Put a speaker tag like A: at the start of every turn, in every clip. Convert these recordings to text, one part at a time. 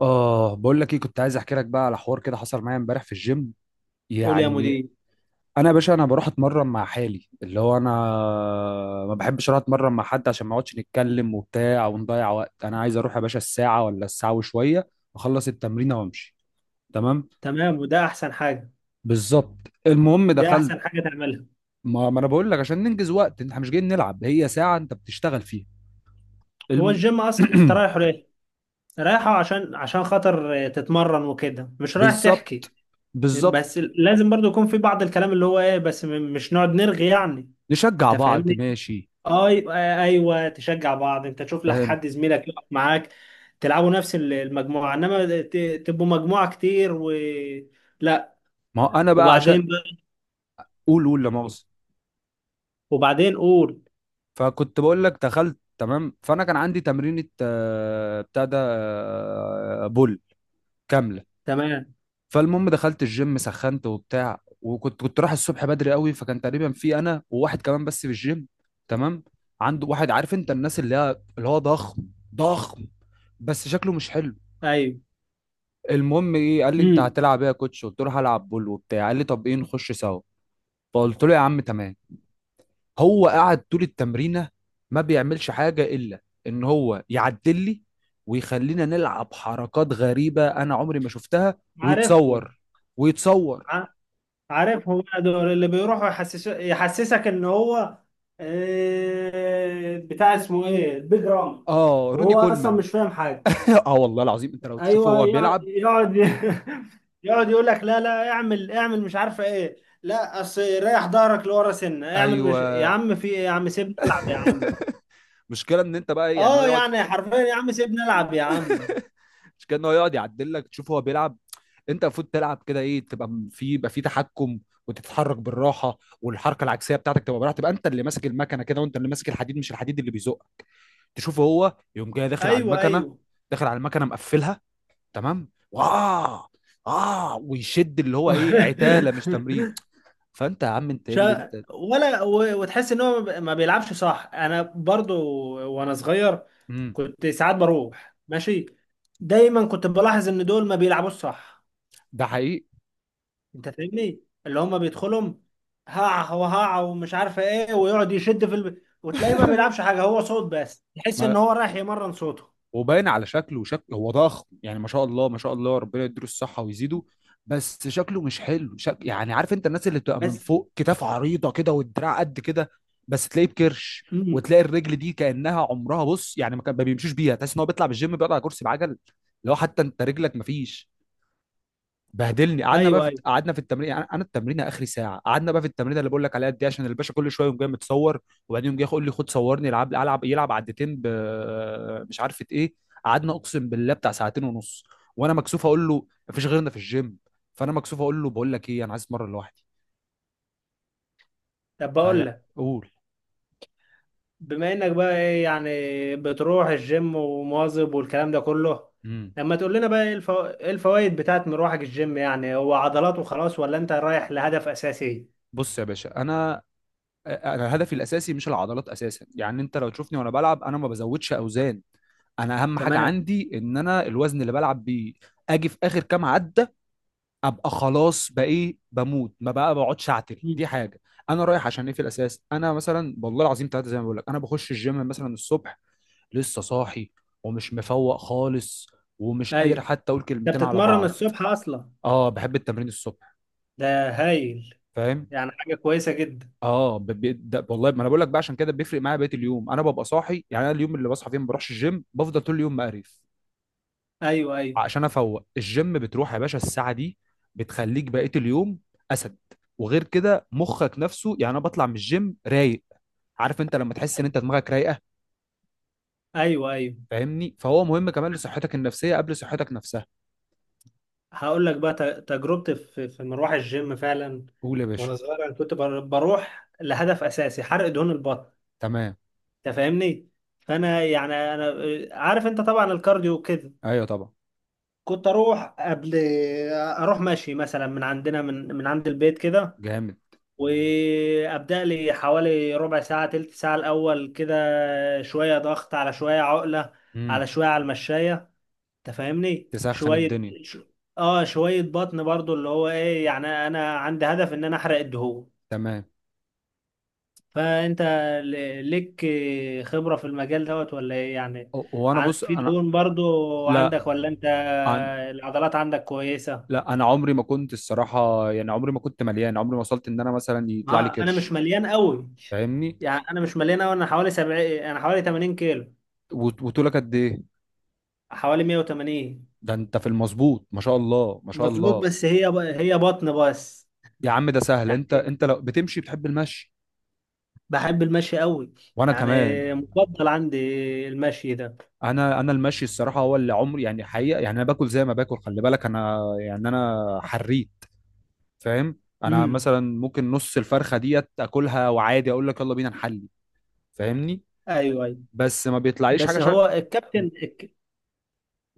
A: اه بقول لك ايه، كنت عايز احكي لك بقى على حوار كده حصل معايا امبارح في الجيم
B: قول يا
A: يعني.
B: مدير.
A: انا يا باشا، انا بروح اتمرن مع حالي، اللي هو انا ما بحبش اروح اتمرن مع حد عشان ما اقعدش نتكلم وبتاع ونضيع وقت. انا عايز اروح يا باشا الساعه ولا الساعه وشويه، اخلص التمرين وامشي. تمام.
B: تمام، وده احسن حاجه.
A: بالظبط. المهم
B: ده
A: دخلت.
B: احسن حاجه تعملها.
A: ما انا بقول لك عشان ننجز وقت، احنا مش جايين نلعب، هي ساعه انت بتشتغل فيها.
B: هو
A: الم...
B: الجيم اصلا انت رايحه ليه؟ رايحه عشان خاطر تتمرن وكده، مش رايح تحكي.
A: بالظبط. بالظبط.
B: بس لازم برضو يكون في بعض الكلام اللي هو ايه، بس مش نقعد نرغي يعني.
A: نشجع
B: انت
A: بعض
B: فاهمني.
A: ماشي.
B: اي، ايوه تشجع بعض. انت تشوف لك
A: فاهم.
B: حد زميلك يقف معاك، تلعبوا نفس المجموعه، انما تبقوا مجموعه كتير و لا.
A: ما هو انا بقى عشان،
B: وبعدين بقى-
A: قول قول لا مؤاخذة.
B: وبعدين قول.
A: فكنت بقول لك دخلت تمام، فانا كان عندي تمرينة بتاع ده بول كاملة.
B: تمام.
A: فالمهم دخلت الجيم، سخنت وبتاع، وكنت رايح الصبح بدري قوي، فكان تقريبا في انا وواحد كمان بس في الجيم. تمام. عنده واحد، عارف انت الناس اللي هي اللي هو ضخم، ضخم بس شكله مش حلو.
B: ايوه.
A: المهم ايه، قال لي انت
B: امم.
A: هتلعب ايه يا كوتش؟ قلت له هلعب بول وبتاع. قال لي طب ايه نخش سوا؟ فقلت له يا عم تمام. هو قعد طول التمرينة ما بيعملش حاجة إلا إن هو يعدل لي ويخلينا نلعب حركات غريبة أنا عمري ما شفتها،
B: عارفهم.
A: ويتصور ويتصور.
B: عارف هو دول اللي بيروحوا يحسس يحسسك ان هو بتاع اسمه ايه، البيج رام،
A: آه روني
B: وهو اصلا
A: كولمان.
B: مش فاهم حاجه.
A: آه والله العظيم، أنت لو تشوفه
B: ايوه
A: هو
B: يقعد
A: بيلعب.
B: يقعد يقعد يقول لك لا لا، اعمل مش عارفه ايه. لا اصل ريح ظهرك لورا سنه، اعمل، مش، يا
A: أيوه.
B: عم في ايه يا عم، سيبني العب يا عم.
A: مشكلة إن أنت بقى يعني هو
B: اه
A: يقعد،
B: يعني حرفيا، يا عم سيبني العب يا عم.
A: مشكلة إن هو يقعد يعدل لك تشوف هو بيلعب. أنت المفروض تلعب كده، إيه، تبقى في يبقى في تحكم وتتحرك بالراحة، والحركة العكسية بتاعتك تبقى براحة، تبقى أنت اللي ماسك المكنة كده، وأنت اللي ماسك الحديد مش الحديد اللي بيزق. تشوفه هو يقوم جاي داخل على
B: ايوه
A: المكنه،
B: ايوه.
A: داخل على المكنه مقفلها. تمام واه. اه ويشد اللي هو ايه، عتاله مش تمرين. فانت يا عم انت ايه اللي انت.
B: وتحس ان هو ما بيلعبش صح. انا برضو وانا صغير
A: امم.
B: كنت ساعات بروح ماشي، دايما كنت بلاحظ ان دول ما بيلعبوش صح.
A: ده حقيقي.
B: انت فاهمني، اللي هم بيدخلهم هقع وهقع ومش عارف ايه، ويقعد يشد في وتلاقيه ما بيلعبش حاجه، هو صوت بس، تحس ان
A: ما
B: هو رايح يمرن صوته
A: وباين على شكله، شكله هو ضخم يعني، ما شاء الله ما شاء الله، ربنا يديله الصحة ويزيده، بس شكله مش حلو. يعني عارف انت الناس اللي بتبقى من
B: بس.
A: فوق كتاف عريضة كده، والدراع قد كده، بس تلاقيه بكرش،
B: امم.
A: وتلاقي الرجل دي كأنها عمرها بص يعني ما كان ما بيمشوش بيها، تحس ان هو بيطلع بالجيم بيقعد على كرسي بعجل. لو حتى انت رجلك ما فيش. بهدلني. قعدنا بقى في
B: ايوه ايوه.
A: قعدنا في التمرين، يعني انا التمرين اخري ساعه، قعدنا بقى في التمرين اللي بقول لك عليها دي، عشان الباشا كل شويه يقوم جاي متصور، وبعدين يقوم جاي يقول لي خد صورني، العب العب، يلعب عدتين ب، مش عارفه ايه. قعدنا اقسم بالله بتاع ساعتين ونص، وانا مكسوف اقول له مفيش غيرنا في الجيم، فانا مكسوف اقول له بقول لك ايه انا عايز اتمرن لوحدي،
B: طب بقول لك،
A: فقول.
B: بما انك بقى ايه، يعني بتروح الجيم ومواظب والكلام ده كله،
A: امم.
B: لما تقول لنا بقى ايه ايه الفوائد بتاعت مروحك الجيم؟ يعني هو عضلات وخلاص، ولا انت رايح لهدف اساسي؟
A: بص يا باشا انا، انا هدفي الاساسي مش العضلات اساسا، يعني انت لو تشوفني وانا بلعب انا ما بزودش اوزان. انا اهم حاجه
B: تمام.
A: عندي ان انا الوزن اللي بلعب بيه اجي في اخر كام عده، ابقى خلاص بقى ايه بموت، ما بقى بقعدش اعتل،
B: مم.
A: دي حاجه. انا رايح عشان ايه في الاساس، انا مثلا والله العظيم ثلاثه زي ما بقول لك، انا بخش الجيم مثلا الصبح لسه صاحي، ومش مفوق خالص، ومش قادر
B: ايوه.
A: حتى اقول
B: ده
A: كلمتين على
B: بتتمرن
A: بعض.
B: الصبح اصلا؟
A: اه بحب التمرين الصبح.
B: ده هايل.
A: فاهم.
B: يعني حاجة كويسة جدا.
A: اه ده والله ما انا بقول لك بقى عشان كده بيفرق معايا بقيه اليوم. انا ببقى صاحي، يعني انا اليوم اللي بصحى فيه ما بروحش الجيم بفضل طول اليوم مقرف،
B: ايوه ايوه.
A: عشان افوق. الجيم بتروح يا باشا الساعه دي، بتخليك بقيه اليوم اسد. وغير كده مخك نفسه، يعني انا بطلع من الجيم رايق، عارف انت لما تحس ان
B: ايوه
A: انت دماغك رايقه،
B: ايوه. ايوه.
A: فاهمني؟ فهو مهم كمان لصحتك النفسيه قبل صحتك نفسها.
B: هقول لك بقى تجربتي في في مروح الجيم فعلا.
A: قول يا باشا.
B: وانا صغير انا كنت بروح لهدف اساسي، حرق دهون البطن.
A: تمام.
B: انت فاهمني. فانا يعني انا، عارف انت طبعا الكارديو كده،
A: ايوه طبعا.
B: كنت اروح قبل، اروح ماشي مثلا من عندنا من من عند البيت كده،
A: جامد.
B: وابدا لي حوالي ربع ساعه تلت ساعه الاول كده، شويه ضغط على شويه عقله،
A: امم.
B: على شويه على المشايه. انت فاهمني،
A: تسخن
B: شويه
A: الدنيا.
B: ش... اه شويه بطن برضو، اللي هو ايه، يعني انا عندي هدف ان انا احرق الدهون.
A: تمام.
B: فانت ليك خبرة في المجال دوت ولا ايه يعني؟
A: وانا بص
B: في
A: انا،
B: دهون برضو
A: لا.
B: عندك ولا انت
A: أنا.
B: العضلات عندك كويسة؟
A: لا انا عمري ما كنت الصراحه، يعني عمري ما كنت مليان، عمري ما وصلت ان انا مثلا يطلع لي
B: ما انا مش
A: كرش.
B: مليان قوي،
A: فاهمني.
B: يعني انا مش مليان قوي، انا حوالي 70، انا حوالي 80 كيلو.
A: وطولك قد ايه؟
B: حوالي 180.
A: ده انت في المظبوط، ما شاء الله ما شاء
B: مظبوط،
A: الله.
B: بس هي هي بطن بس،
A: يا عم ده سهل، انت
B: يعني.
A: انت لو بتمشي، بتحب المشي؟
B: بحب المشي قوي،
A: وانا
B: يعني
A: كمان.
B: مفضل عندي المشي ده.
A: انا انا المشي الصراحه هو اللي عمري يعني حقيقه، يعني انا باكل زي ما باكل، خلي بالك انا يعني انا حريت. فاهم؟ انا
B: امم.
A: مثلا ممكن نص الفرخه ديت اكلها وعادي اقول لك يلا بينا نحلي، فاهمني؟
B: ايوه ايوه.
A: بس ما بيطلعليش حاجه.
B: بس هو
A: أمم.
B: الكابتن.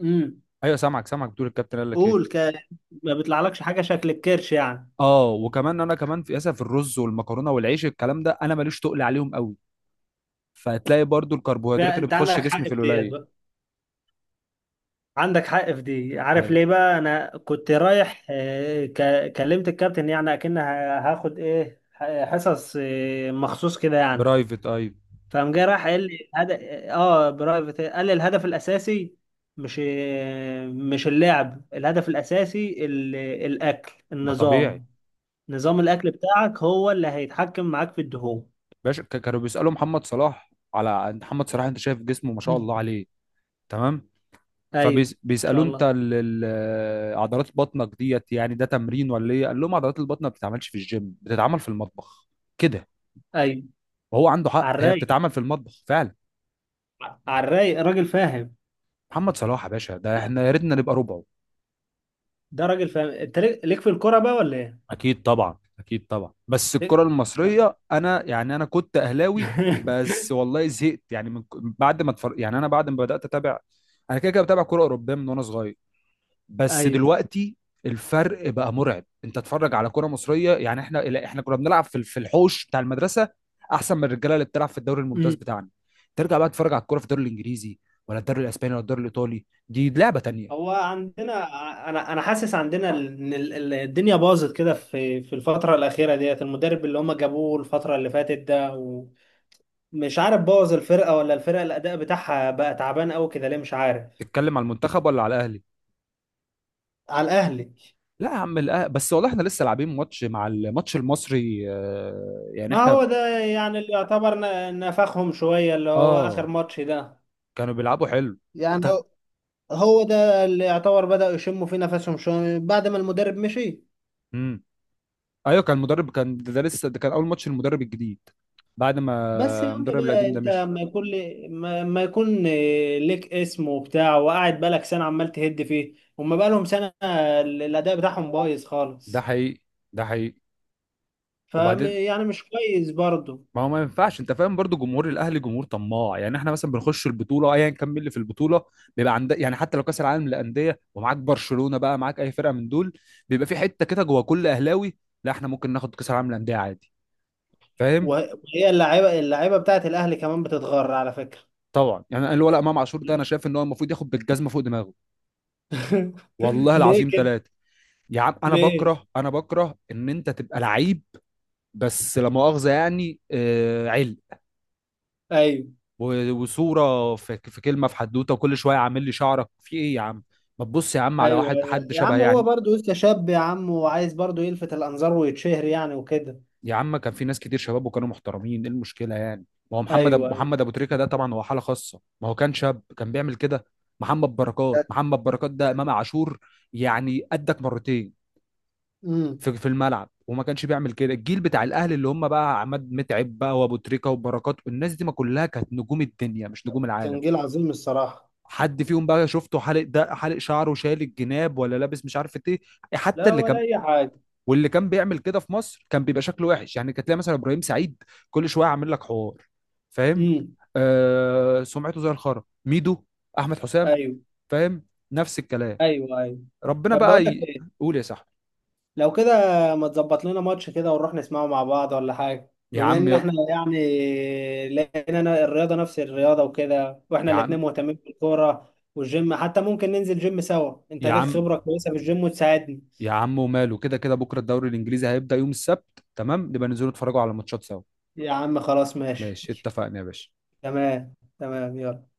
B: امم.
A: ايوه سامعك سامعك، بتقول الكابتن قال لك ايه.
B: قول ك... ما بيطلعلكش حاجه شكل الكرش يعني.
A: اه وكمان انا كمان في، اسف، في الرز والمكرونه والعيش، الكلام ده انا ماليش تقل عليهم قوي، فهتلاقي برضو الكربوهيدرات اللي
B: فانت
A: بتخش
B: عندك
A: جسمي
B: حق
A: في
B: في ديت
A: القليل.
B: بقى. عندك حق في دي، عارف
A: اي.
B: ليه بقى، انا كنت رايح، كلمت الكابتن يعني اكن هاخد ايه، حصص مخصوص كده يعني.
A: برايفت، اي.
B: فقام جاي راح قال لي هدف. اه برايفت، قال لي الهدف الاساسي مش، مش اللعب، الهدف الاساسي الاكل،
A: ما طبيعي.
B: النظام. نظام الاكل بتاعك هو اللي هيتحكم معاك في الدهون.
A: باشا، كانوا بيسالوا محمد صلاح، على محمد صلاح انت شايف جسمه ما شاء
B: مم.
A: الله عليه، تمام؟
B: ايوه ان شاء
A: فبيسالوا انت
B: الله.
A: عضلات بطنك ديت يعني، ده تمرين ولا ايه؟ قال لهم عضلات البطن ما بتتعملش في الجيم، بتتعمل في المطبخ، كده.
B: ايوه.
A: وهو عنده حق،
B: على
A: هي
B: الرايق.
A: بتتعمل في المطبخ فعلا.
B: على الرايق، راجل فاهم.
A: محمد صلاح يا باشا ده احنا يا ريتنا نبقى ربعه.
B: ده راجل فاهم. انت ليك في الكوره بقى ولا ايه؟
A: اكيد طبعا، اكيد طبعا، بس الكره
B: ليك-
A: المصريه، انا يعني انا كنت اهلاوي،
B: نعم.
A: بس والله زهقت، يعني من بعد ما اتفرج، يعني انا بعد ما بدات اتابع، انا كده كده بتابع كره اوروبيه من وانا صغير، بس
B: ايوه.
A: دلوقتي الفرق بقى مرعب. انت اتفرج على كره مصريه، يعني احنا لا، احنا كنا بنلعب في الحوش بتاع المدرسه احسن من الرجاله اللي بتلعب في الدوري الممتاز
B: أمم.
A: بتاعنا. ترجع بقى تتفرج على الكره في الدوري الانجليزي، ولا الدوري الاسباني، ولا الدوري الايطالي، دي لعبه تانيه.
B: هو عندنا انا حاسس عندنا ان الدنيا باظت كده في في الفتره الاخيره ديت، المدرب اللي هم جابوه الفتره اللي فاتت ده، ومش عارف بوظ الفرقه ولا الفرقه الاداء بتاعها بقى تعبان قوي كده ليه مش عارف.
A: تتكلم على المنتخب ولا على الاهلي؟
B: على الاهلي.
A: لا يا عم، بس والله احنا لسه لاعبين ماتش مع الماتش المصري يعني
B: ما
A: احنا،
B: هو ده يعني اللي يعتبر نفخهم شويه، اللي هو اخر
A: اه،
B: ماتش ده
A: كانوا بيلعبوا حلو
B: يعني.
A: ده.
B: هو ده اللي يعتبر بدأوا يشموا فيه نفسهم شوية بعد ما المدرب مشي.
A: امم. ايوه كان المدرب، كان ده ده لسه ده كان اول ماتش المدرب الجديد بعد ما
B: بس يا عم
A: المدرب
B: بقى،
A: القديم ده
B: انت
A: مشي.
B: ما يكون ليك اسم وبتاع وقاعد بقالك سنة عمال تهد فيه، هما بقالهم سنة الأداء بتاعهم بايظ
A: ده
B: خالص.
A: حقيقي، ده حقيقي.
B: ف
A: وبعدين،
B: يعني مش كويس برضه.
A: ما هو ما ينفعش. انت فاهم برضو، جمهور الاهلي جمهور طماع، يعني احنا مثلا بنخش البطوله ايا كان مين اللي في البطوله، بيبقى عندك يعني حتى لو كاس العالم للانديه ومعاك برشلونه بقى، معاك اي فرقه من دول، بيبقى في حته كده جوه كل اهلاوي، لا احنا ممكن ناخد كاس العالم للانديه عادي. فاهم؟
B: وهي اللعيبة بتاعت الأهلي كمان بتتغر على فكرة.
A: طبعا، يعني الولد امام عاشور ده انا شايف ان هو المفروض ياخد بالجزمه فوق دماغه، والله
B: ليه
A: العظيم
B: كده؟
A: ثلاثه. يا عم انا
B: ليه؟
A: بكره، انا بكره ان انت تبقى لعيب، بس لا مؤاخذه، يعني آه علم،
B: ايوه
A: وصوره في كلمه، في حدوته، وكل شويه عامل لي شعرك في ايه يا عم؟ ما تبص يا عم على
B: ايوه.
A: واحد،
B: ايوه
A: حد
B: يا
A: شبه
B: عم، هو
A: يعني.
B: برضه لسه شاب يا عم، وعايز برضه يلفت الأنظار ويتشهر يعني وكده.
A: يا عم كان في ناس كتير شباب وكانوا محترمين، ايه المشكله يعني؟ ما هو محمد
B: ايوه ايوه.
A: محمد ابو تريكه ده طبعا هو حاله خاصه، ما هو كان شاب كان بيعمل كده؟ محمد بركات،
B: الذات.
A: محمد بركات ده
B: التالي.
A: امام عاشور يعني قدك مرتين
B: امم.
A: في الملعب وما كانش بيعمل كده. الجيل بتاع الاهلي اللي هم بقى عماد متعب بقى وابو تريكه وبركات، الناس دي ما كلها كانت نجوم الدنيا مش نجوم
B: كان
A: العالم،
B: جيل عظيم الصراحة.
A: حد فيهم بقى شفته حالق ده، حالق شعره، شايل الجناب، ولا لابس مش عارف ايه؟ حتى
B: لا
A: اللي
B: ولا
A: كان،
B: أي حاجة.
A: واللي كان بيعمل كده في مصر كان بيبقى شكله وحش، يعني كانت تلاقي مثلا ابراهيم سعيد كل شويه عامل لك حوار، فاهم؟
B: امم.
A: آه سمعته زي الخرا. ميدو، احمد حسام،
B: أيوه
A: فاهم، نفس الكلام.
B: أيوه. أيوه.
A: ربنا
B: طب بقول
A: بقى
B: لك إيه،
A: قول يا صاحبي.
B: لو كده ما تظبط لنا ماتش كده ونروح نسمعه مع بعض ولا حاجة،
A: يا
B: بما
A: عم
B: إن
A: يلا.
B: إحنا يعني لقينا، أنا الرياضة نفس الرياضة وكده، وإحنا
A: يا عم،
B: الاتنين مهتمين بالكورة والجيم، حتى ممكن ننزل جيم سوا، أنت
A: يا
B: ليك
A: عم،
B: خبرة كويسة في الجيم وتساعدني.
A: يا عم وماله، كده كده بكره الدوري الانجليزي هيبدا يوم السبت، تمام؟ نبقى ننزلوا نتفرجوا على ماتشات سوا.
B: يا عم خلاص ماشي.
A: ماشي، اتفقنا يا باشا.
B: تمام تمام، يلا.